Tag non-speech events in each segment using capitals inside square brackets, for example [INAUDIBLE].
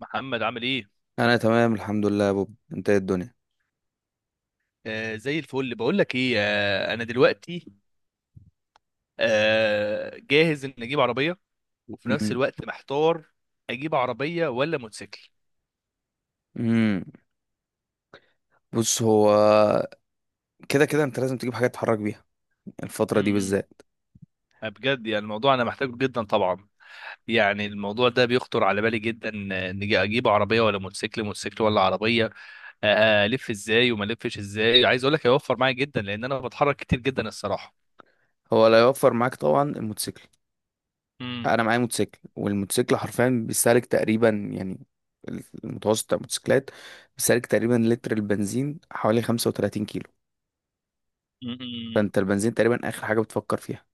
محمد عامل ايه؟ انا تمام، الحمد لله يا بوب. انت ايه الدنيا؟ زي الفل. بقول لك ايه، انا دلوقتي جاهز ان اجيب عربيه، وفي نفس امم. الوقت محتار. اجيب عربيه ولا موتوسيكل؟ امم. بص، هو كده كده انت لازم تجيب حاجه تتحرك بيها، الفتره دي امم. بالذات. بجد يعني الموضوع انا محتاجه جدا طبعا. يعني الموضوع ده بيخطر على بالي جدا. نجي اجيب عربيه ولا موتوسيكل، موتوسيكل ولا عربيه؟ آه، الف ازاي وما الفش ازاي. عايز اقول لك هيوفر معايا جدا لان انا بتحرك كتير جدا الصراحه. هو لا يوفر معاك طبعا، الموتوسيكل. امم. انا معايا موتوسيكل، والموتوسيكل حرفيا بيستهلك تقريبا، يعني المتوسط بتاع الموتوسيكلات بيستهلك تقريبا لتر البنزين حوالي 35 كيلو. امم. فانت البنزين تقريبا اخر حاجه بتفكر فيها.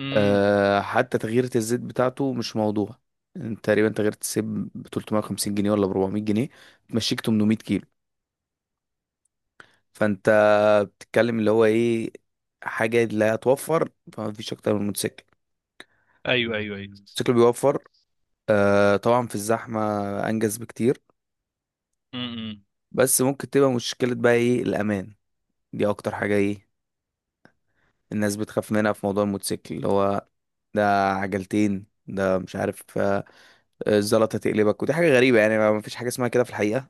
امم. أه، حتى تغيير الزيت بتاعته مش موضوع. انت تقريبا تغيير الزيت ب 350 جنيه ولا ب 400 جنيه تمشيك 800 كيلو. فانت بتتكلم اللي هو ايه، حاجة لا توفر، فما فيش اكتر من الموتوسيكل. ايوه، ايوه، ايوه. الموتوسيكل بيوفر، آه طبعا في الزحمة، انجز بكتير. بس ممكن تبقى مشكلة بقى، ايه؟ الامان. دي اكتر حاجة ايه الناس بتخاف منها في موضوع الموتوسيكل، اللي هو ده عجلتين، ده مش عارف، الزلطة تقلبك، ودي حاجة غريبة، يعني ما فيش حاجة اسمها كده في الحقيقة،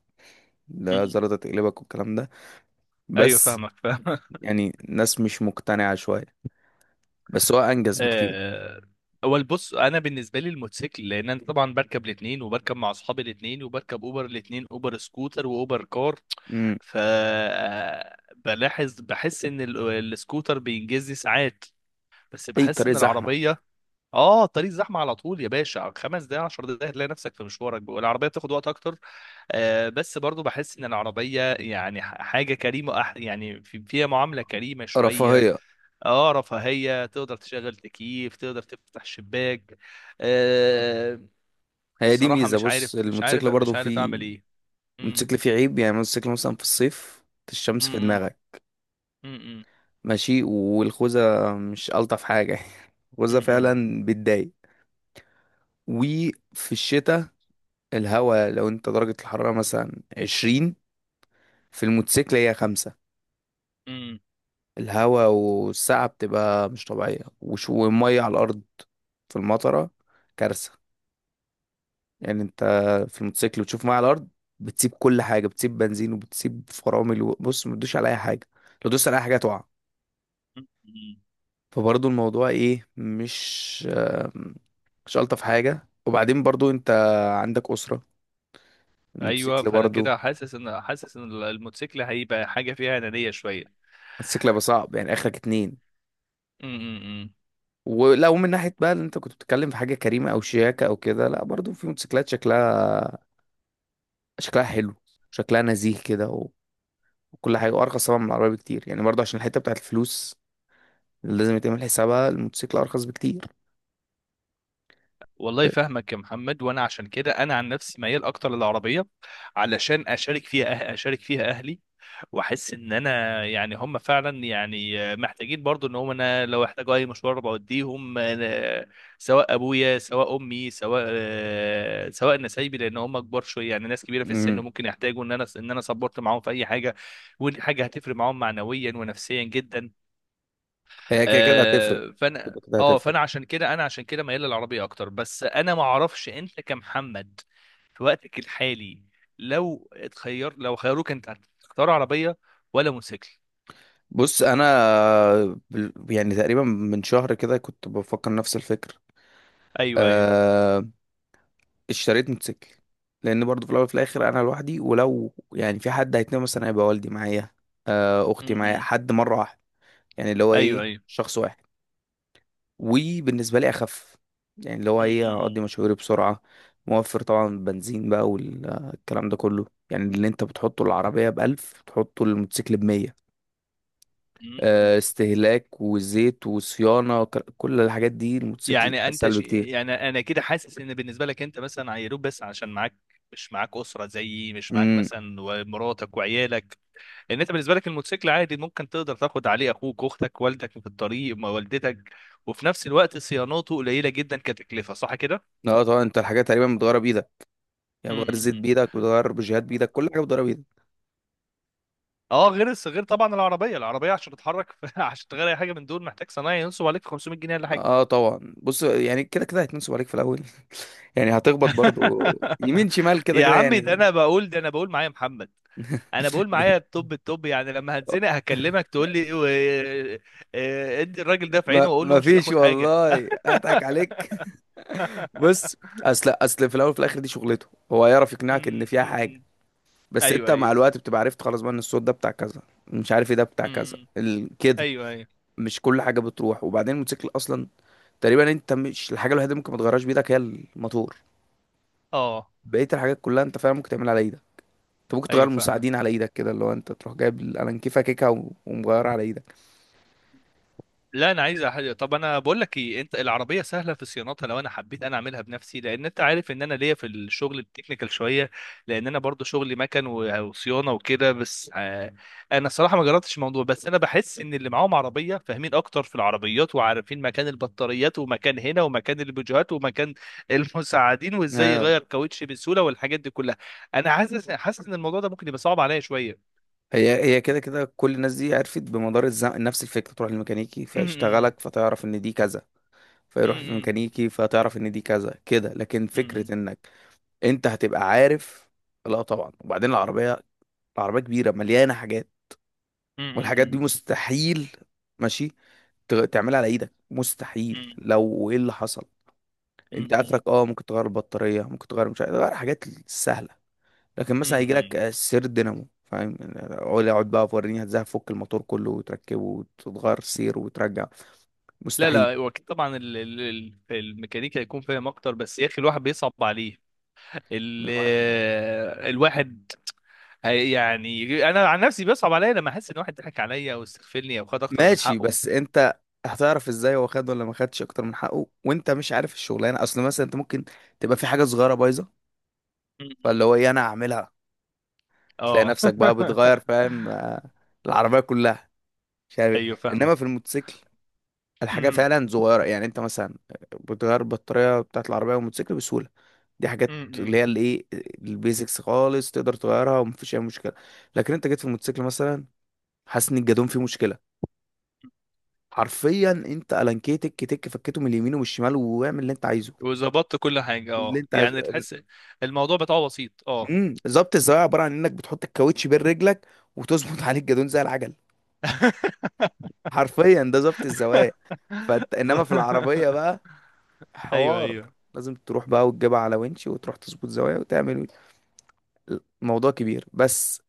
ده امم. الزلطة تقلبك والكلام ده، ايوه، بس. فاهمك فاهمك. [LAUGHS] يعني الناس مش مقتنعة شوية، بس هو انجز بكتير. آه، اول بص، انا بالنسبه لي الموتوسيكل، لان انا طبعا بركب الاثنين، وبركب مع اصحابي الاثنين، وبركب اوبر الاثنين، اوبر سكوتر واوبر كار. امم. ف بلاحظ بحس ان السكوتر بينجزني ساعات، بس اي بحس طريق ان زحمة. العربيه. اه، طريق زحمه على طول يا باشا، خمس دقايق عشر دقايق هتلاقي نفسك في مشوارك، والعربيه بتاخد وقت اكتر. بس برضو بحس ان العربيه يعني حاجه كريمه، يعني فيها معامله كريمه شويه. رفاهية. اه، رفاهية، تقدر تشغل تكييف تقدر تفتح شباك. آه هي دي الصراحة ميزة، مش عارف، بص، مش عارف، الموتوسيكل مش برضو عارف فيه. اعمل ايه. مم، الموتوسيكل فيه عيب، يعني الموتوسيكل مثلا في الصيف الشمس في مم، دماغك، مم، مم، ماشي، والخوذة مش ألطف حاجة [LAUGHS] الخوذة مم، فعلا بتضايق. وفي الشتاء الهوا، لو انت درجة الحرارة مثلا عشرين، في الموتوسيكل هي خمسة. مم، الهوا والسقعة بتبقى مش طبيعية، والمية على الأرض في المطرة كارثة. يعني انت في الموتوسيكل وتشوف معاه على الارض، بتسيب كل حاجه، بتسيب بنزين، وبتسيب فرامل، وبص ما تدوش على اي حاجه، لو دوست على اي حاجه هتقع. مم. فبرضه الموضوع ايه، مش مش الطف حاجه. وبعدين برضه انت عندك اسره، ايوه، الموتوسيكل فانا برضه، كده حاسس ان الموتوسيكل هيبقى حاجة فيها انانية شوية. الموتوسيكل هيبقى صعب، يعني اخرك اتنين. مم، مم، مم. ولو من ناحيه بقى اللي انت كنت بتتكلم في حاجه كريمه او شياكه او كده، لا، برضه في موتوسيكلات شكلها، شكلها حلو، شكلها نزيه كده وكل حاجه، وارخص طبعا من العربيه بكتير، يعني برضه عشان الحته بتاعت الفلوس لازم يتعمل حسابها، الموتوسيكل ارخص بكتير. والله فاهمك يا محمد، وانا عشان كده انا عن نفسي ميال اكتر للعربية، علشان اشارك فيها، اشارك فيها اهلي. واحس ان انا يعني هم فعلا يعني محتاجين برضو ان هم، انا لو احتاجوا اي مشوار بوديهم. سواء ابويا سواء امي سواء سواء نسايبي، لان هم كبار شويه، يعني ناس كبيره في السن، امم. ممكن يحتاجوا ان انا سبورت معاهم في اي حاجه. ودي حاجه هتفرق معاهم معنويا ونفسيا جدا. هي كده كده هتفرق. آه فانا كده كده اه هتفرق. فانا عشان كده انا عشان كده ميال للعربيه اكتر، بس انا ما اعرفش انت كمحمد في وقتك الحالي، لو اتخير لو خيروك انت، هتختار عربيه ولا موتوسيكل؟ بص انا، يعني تقريبا من شهر كده كنت بفكر نفس الفكر. ايوه، ايوه. أه، اشتريت موتوسيكل، لان برضو في الاول وفي الاخر انا لوحدي، ولو يعني في حد هيتنقل مثلا هيبقى والدي معايا، أه اختي معايا، م-م. حد مره واحده، يعني اللي هو ايوه، ايه، ايوه. شخص واحد. وبالنسبة لي أخف، يعني اللي هو إيه، م-م-م. هقضي مشاويري بسرعة، موفر طبعا بنزين بقى والكلام ده كله. يعني اللي أنت بتحطه العربية بألف بتحطه الموتوسيكل بمية، م-م. استهلاك وزيت وصيانة كل الحاجات دي الموتوسيكل يعني انت أسهل بكتير. يعني انا كده حاسس ان بالنسبه لك انت مثلا عيروك، بس عشان معاك، مش معاك اسره زيي، مش معاك امم. مثلا ومراتك وعيالك. ان انت بالنسبه لك الموتوسيكل عادي، ممكن تقدر تاخد عليه اخوك اختك والدك في الطريق ما والدتك. وفي نفس الوقت صيانته قليله جدا كتكلفه، صح كده؟ اه طبعا انت الحاجات تقريبا بتغيرها بايدك، يعني بتغير الزيت امم. بايدك، بتغير بوجيهات بايدك، كل حاجه بتغيرها بايدك. اه، غير طبعا العربيه عشان تتحرك [LAUGHS] عشان تغير اي حاجه من دول محتاج صنايعي ينصب عليك في 500 جنيه ولا حاجه. اه طبعا، بص، يعني كده كده هيتنصب عليك في الاول [LAUGHS] يعني هتخبط برضو [LAUGHS] يمين شمال كده يا كده عمي، ده يعني. انا بقول، ده انا بقول معايا محمد، انا بقول معايا التوب التوب. يعني لما [LAUGHS] هتزنق [LAUGHS] هكلمك تقول لي ادي الراجل ده في ما عينه واقول له ما مش فيش هتاخد حاجه. والله اضحك عليك. [LAUGHS] بص، [LAUGHS] اصل في الاول وفي الاخر دي شغلته، هو يعرف م- يقنعك ان فيها م- حاجه. م. [LAUGHS] بس انت ايوه، مع الوقت بتبقى عرفت خلاص بقى ان الصوت ده بتاع كذا، مش عارف ايه، ده بتاع كذا ايوه، كده، ايوه، ايوه، مش كل حاجه بتروح. وبعدين الموتوسيكل اصلا تقريبا، انت مش الحاجه الوحيده اللي ممكن ما تغيرهاش بايدك هي الموتور، اه، بقيه الحاجات كلها انت فعلا ممكن تعملها على ايدك. انت ممكن تغير ايوه، فاهمك. المساعدين على ايدك كده، اللي هو انت تروح جايب الانكيفه كيكه ومغيرها على ايدك. لا، انا عايز حاجه. طب انا بقول لك ايه، انت العربيه سهله في صيانتها لو انا حبيت انا اعملها بنفسي، لان انت عارف ان انا ليا في الشغل التكنيكال شويه، لان انا برضو شغلي مكن وصيانه وكده، بس انا الصراحه ما جربتش الموضوع. بس انا بحس ان اللي معاهم عربيه فاهمين اكتر في العربيات، وعارفين مكان البطاريات ومكان هنا ومكان البوجيهات ومكان [LAUGHS] المساعدين، وازاي آه. يغير كاوتش بسهوله، والحاجات دي كلها. انا حاسس ان الموضوع ده ممكن يبقى صعب عليا شويه. هي كده كده، كل الناس دي عرفت بمدار الزمن نفس الفكره، تروح للميكانيكي فيشتغلك فتعرف ان دي كذا، فيروح في [CLEARS THROAT] ميكانيكي [LAUGHS] فتعرف ان دي كذا كده، لكن فكره مم. انك انت هتبقى عارف. لا طبعا، وبعدين العربيه كبيره مليانه حاجات، والحاجات دي مم. مستحيل، ماشي، تعملها على ايدك مستحيل مم. لو ايه اللي حصل. انت مم. اخرك اه ممكن تغير البطاريه، ممكن تغير مش عارف، تغير حاجات سهله. لكن مثلا هيجي لك مم. سير دينامو، فاهم يعني؟ اقعد بقى وريني هتزاي هفك الموتور كله وتركبه وتتغير سير وترجع، لا، مستحيل. لا، وأكيد طبعا الميكانيكا هيكون فاهم اكتر، بس يا اخي الواحد بيصعب عليه ال ما- الواحد يعني انا عن نفسي بيصعب عليا لما احس ان واحد ضحك عليا او استغفلني او خد اكتر من ماشي، حقه. بس انت هتعرف ازاي هو خد ولا ما خدش اكتر من حقه؟ وانت مش عارف الشغلانه، اصل مثلا انت ممكن تبقى في حاجه صغيره بايظه، مم. فاللي هو ايه، انا هعملها، تلاقي اه. نفسك بقى بتغير، [LAUGHS] فاهم العربيه كلها، مش عارف إيه. ايوه فاهمك. انما في الموتوسيكل الحاجة مم. فعلا صغيرة، يعني انت مثلا بتغير البطارية بتاعت العربية والموتوسيكل بسهولة، دي حاجات اللي مم. هي الايه، البيزكس خالص تقدر تغيرها ومفيش اي مشكلة. لكن انت جيت في الموتوسيكل مثلا، حاسس ان الجادون فيه مشكلة، حرفيا انت الانكيه تك تك فكته من اليمين والشمال واعمل اللي انت عايزه، وظبطت كل حاجه، اللي اه انت عايزه. يعني تحس الموضوع بتاعه بسيط، اه. ظبط الزوايا عبارة عن انك بتحط الكاوتش بين رجلك وتظبط [LAUGHS] عليه الجادون زي العجل، [LAUGHS] حرفيا ده ظبط الزوايا. فانت انما في [LAUGHS] العربية بقى ايوه، حوار، ايوه. لازم تروح بقى وتجيبها على winch وتروح تظبط زوايا وتعمل موضوع كبير، بس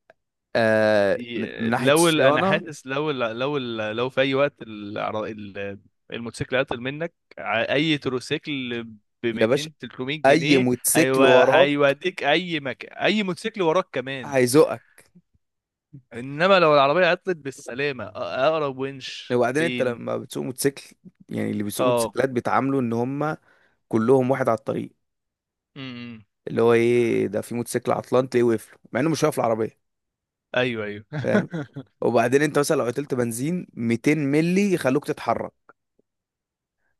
من ناحية انا الصيانة. حاسس لو في اي وقت الموتوسيكل عطل منك اي تروسيكل ب يا باشا، 200 300 أي جنيه موتوسيكل وراك هيوديك اي مكان، اي موتوسيكل وراك كمان. هيزقك. انما لو العربيه عطلت بالسلامه، اقرب ونش وبعدين أنت فين؟ لما بتسوق موتوسيكل، يعني اللي بيسوقوا اه، موتوسيكلات بيتعاملوا إن هم كلهم واحد على الطريق، امم. اللي هو إيه، ده في موتوسيكل عطلان تلاقيه واقف له مع إنه مش واقف العربية، ايوه، ايوه. فاهم؟ [LAUGHS] وبعدين أنت مثلا لو قتلت بنزين 200 ملي يخلوك تتحرك،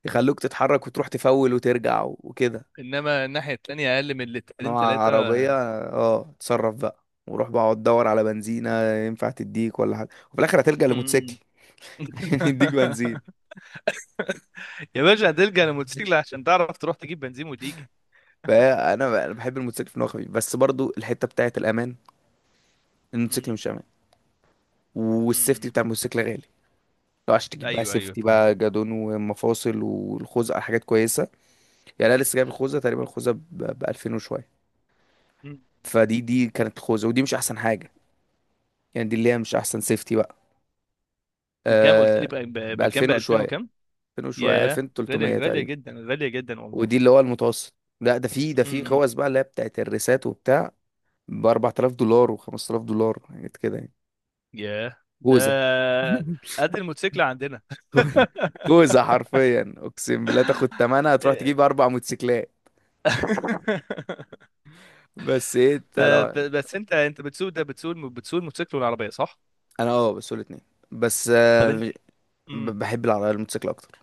يخلوك تتحرك وتروح تفول وترجع وكده، انما الناحيه التانيه اقل من لترين نوع ثلاثه. عربية. اه، اتصرف بقى وروح بقى اقعد تدور على بنزينة، ينفع تديك ولا حاجة، وفي الآخر هتلجأ لموتوسيكل امم. [LAUGHS] عشان يديك بنزين. [LAUGHS] يا باشا، هتلجأ للموتوسيكل عشان تعرف تروح تجيب بنزين وتيجي. فأنا بحب الموتوسيكل في إن هو خفيف، بس برضو الحتة بتاعة الأمان، الموتوسيكل مش أمان، والسيفتي امم. بتاع الموتوسيكل غالي. لو عشان تجيب بقى ايوه، ايوه، سيفتي فعلا. بقى، جادون ومفاصل والخوذة، حاجات كويسة. يعني أنا لسه جايب الخوذة تقريبا، الخوذة ب 2000 وشوية. مم. فدي كانت الخوذة، ودي مش أحسن حاجة، يعني دي اللي هي مش أحسن سيفتي بقى. بكام قلت لي أه ب بكام؟ 2000 ب 2000 وشوية، وكام؟ 2000 وشوية ياه، 2300 غالية، غالية تقريبا. جدا، غالية جدا والله. ودي اللي هو المتوسط. لا، ده في امم. خوذ بقى اللي هي بتاعت الريسات وبتاع، ب 4000 دولار و5000 دولار، حاجات كده يعني. ياه، ده خوذه [LAUGHS] قد الموتوسيكل عندنا. [LAUGHS] خوذه حرفيا، اقسم بالله، تاخد تمنها تروح ب... تجيب اربع موتوسيكلات. بس ايه، انت لو... بس انت، بتسوق ده، بتسوق الموتوسيكل والعربية، صح؟ انا اه بسوق الاتنين، بس طب انت؟ امم. بحب العربيه الموتوسيكل اكتر.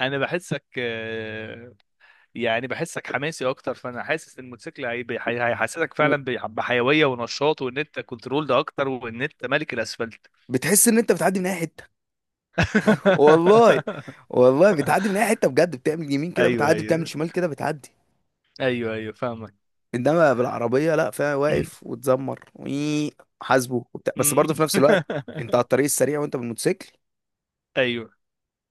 انا بحسك يعني بحسك حماسي اكتر، فانا حاسس ان الموتوسيكل هيحسسك و- فعلا بحيويه ونشاط، وان انت كنترول ده اكتر، وان انت ملك الاسفلت. بتحس ان انت بتعدي من اي حته. [LAUGHS] والله [LAUGHS] والله بتعدي من اي حته بجد، بتعمل يمين كده ايوه، بتعدي، بتعمل ايوه. شمال كده بتعدي. ايوه، ايوه، فاهمك. انما بالعربيه لا، فيها واقف [CLEARS THROAT] وتزمر حاسبه وبتاع، بس برضه في نفس الوقت انت على [LAUGHS] الطريق السريع وانت بالموتوسيكل، ايوه.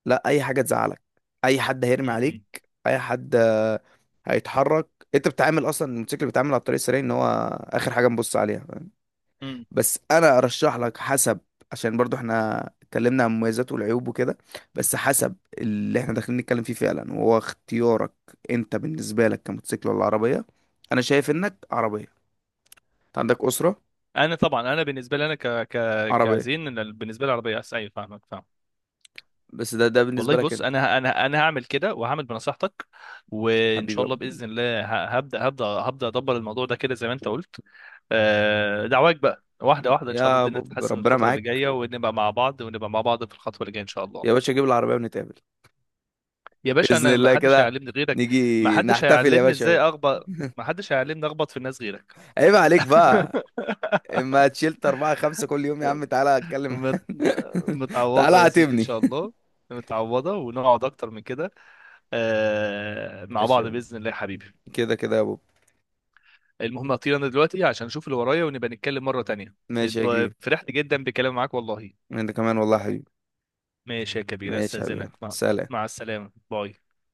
لا، اي حاجه تزعلك، اي حد هيرمي عليك، مم. اي حد هيتحرك. انت بتتعامل اصلا، الموتوسيكل بيتعامل على الطريق السريع ان هو اخر حاجه نبص عليها، فاهم؟ مم. بس انا ارشح لك، حسب، عشان برضه احنا اتكلمنا عن مميزاته والعيوب وكده، بس حسب اللي احنا داخلين نتكلم فيه فعلا، وهو اختيارك انت. بالنسبه لك كموتوسيكل ولا عربيه، انا شايف انك عربيه، انت عندك اسره، انا طبعا انا بالنسبه لي انا ك ك عربية. كزين. إن بالنسبه لي العربيه احسن، ايوه، فاهمك فاهمك. بس ده بالنسبة والله، لك بص، انت. انا هعمل كده وهعمل بنصيحتك. وان حبيبي شاء ابو. الله، باذن الله، هبدا ادبر الموضوع ده كده زي ما انت قلت. دعواك بقى واحده واحده، ان شاء الله يا الدنيا بوب، تتحسن ربنا الفتره اللي معاك. جايه، ونبقى مع بعض، ونبقى مع بعض في الخطوه اللي جايه ان شاء الله. يا باشا جيب العربية ونتقابل، يا باشا، بإذن انا ما الله حدش كده، هيعلمني غيرك. ما نيجي حدش نحتفل يا هيعلمني ازاي باشا. اخبط، ما حدش هيعلمني اخبط في الناس غيرك. [LAUGHS] عيب عليك بقى، [LAUGHS] اما تشيلت أربعة خمسة كل يوم يا عم تعالى اتكلم. مت... [LAUGHS] تعالى متعوضة يا سيدي إن عاتبني. شاء الله. متعوضة، ونقعد أكتر من كده [LAUGHS] مع ماشي يا بعض بوب. بإذن الله يا حبيبي. كده كده يا بوب. المهم، هطير انا دلوقتي عشان اشوف اللي ورايا، ونبقى نتكلم مرة تانية. ماشي يا كبير. فرحت جدا بكلام معاك والله. انت كمان والله يا حبيبي. ماشي يا كبير، ماشي يا حبيبي، استاذنك. مع سلام. السلامة، باي.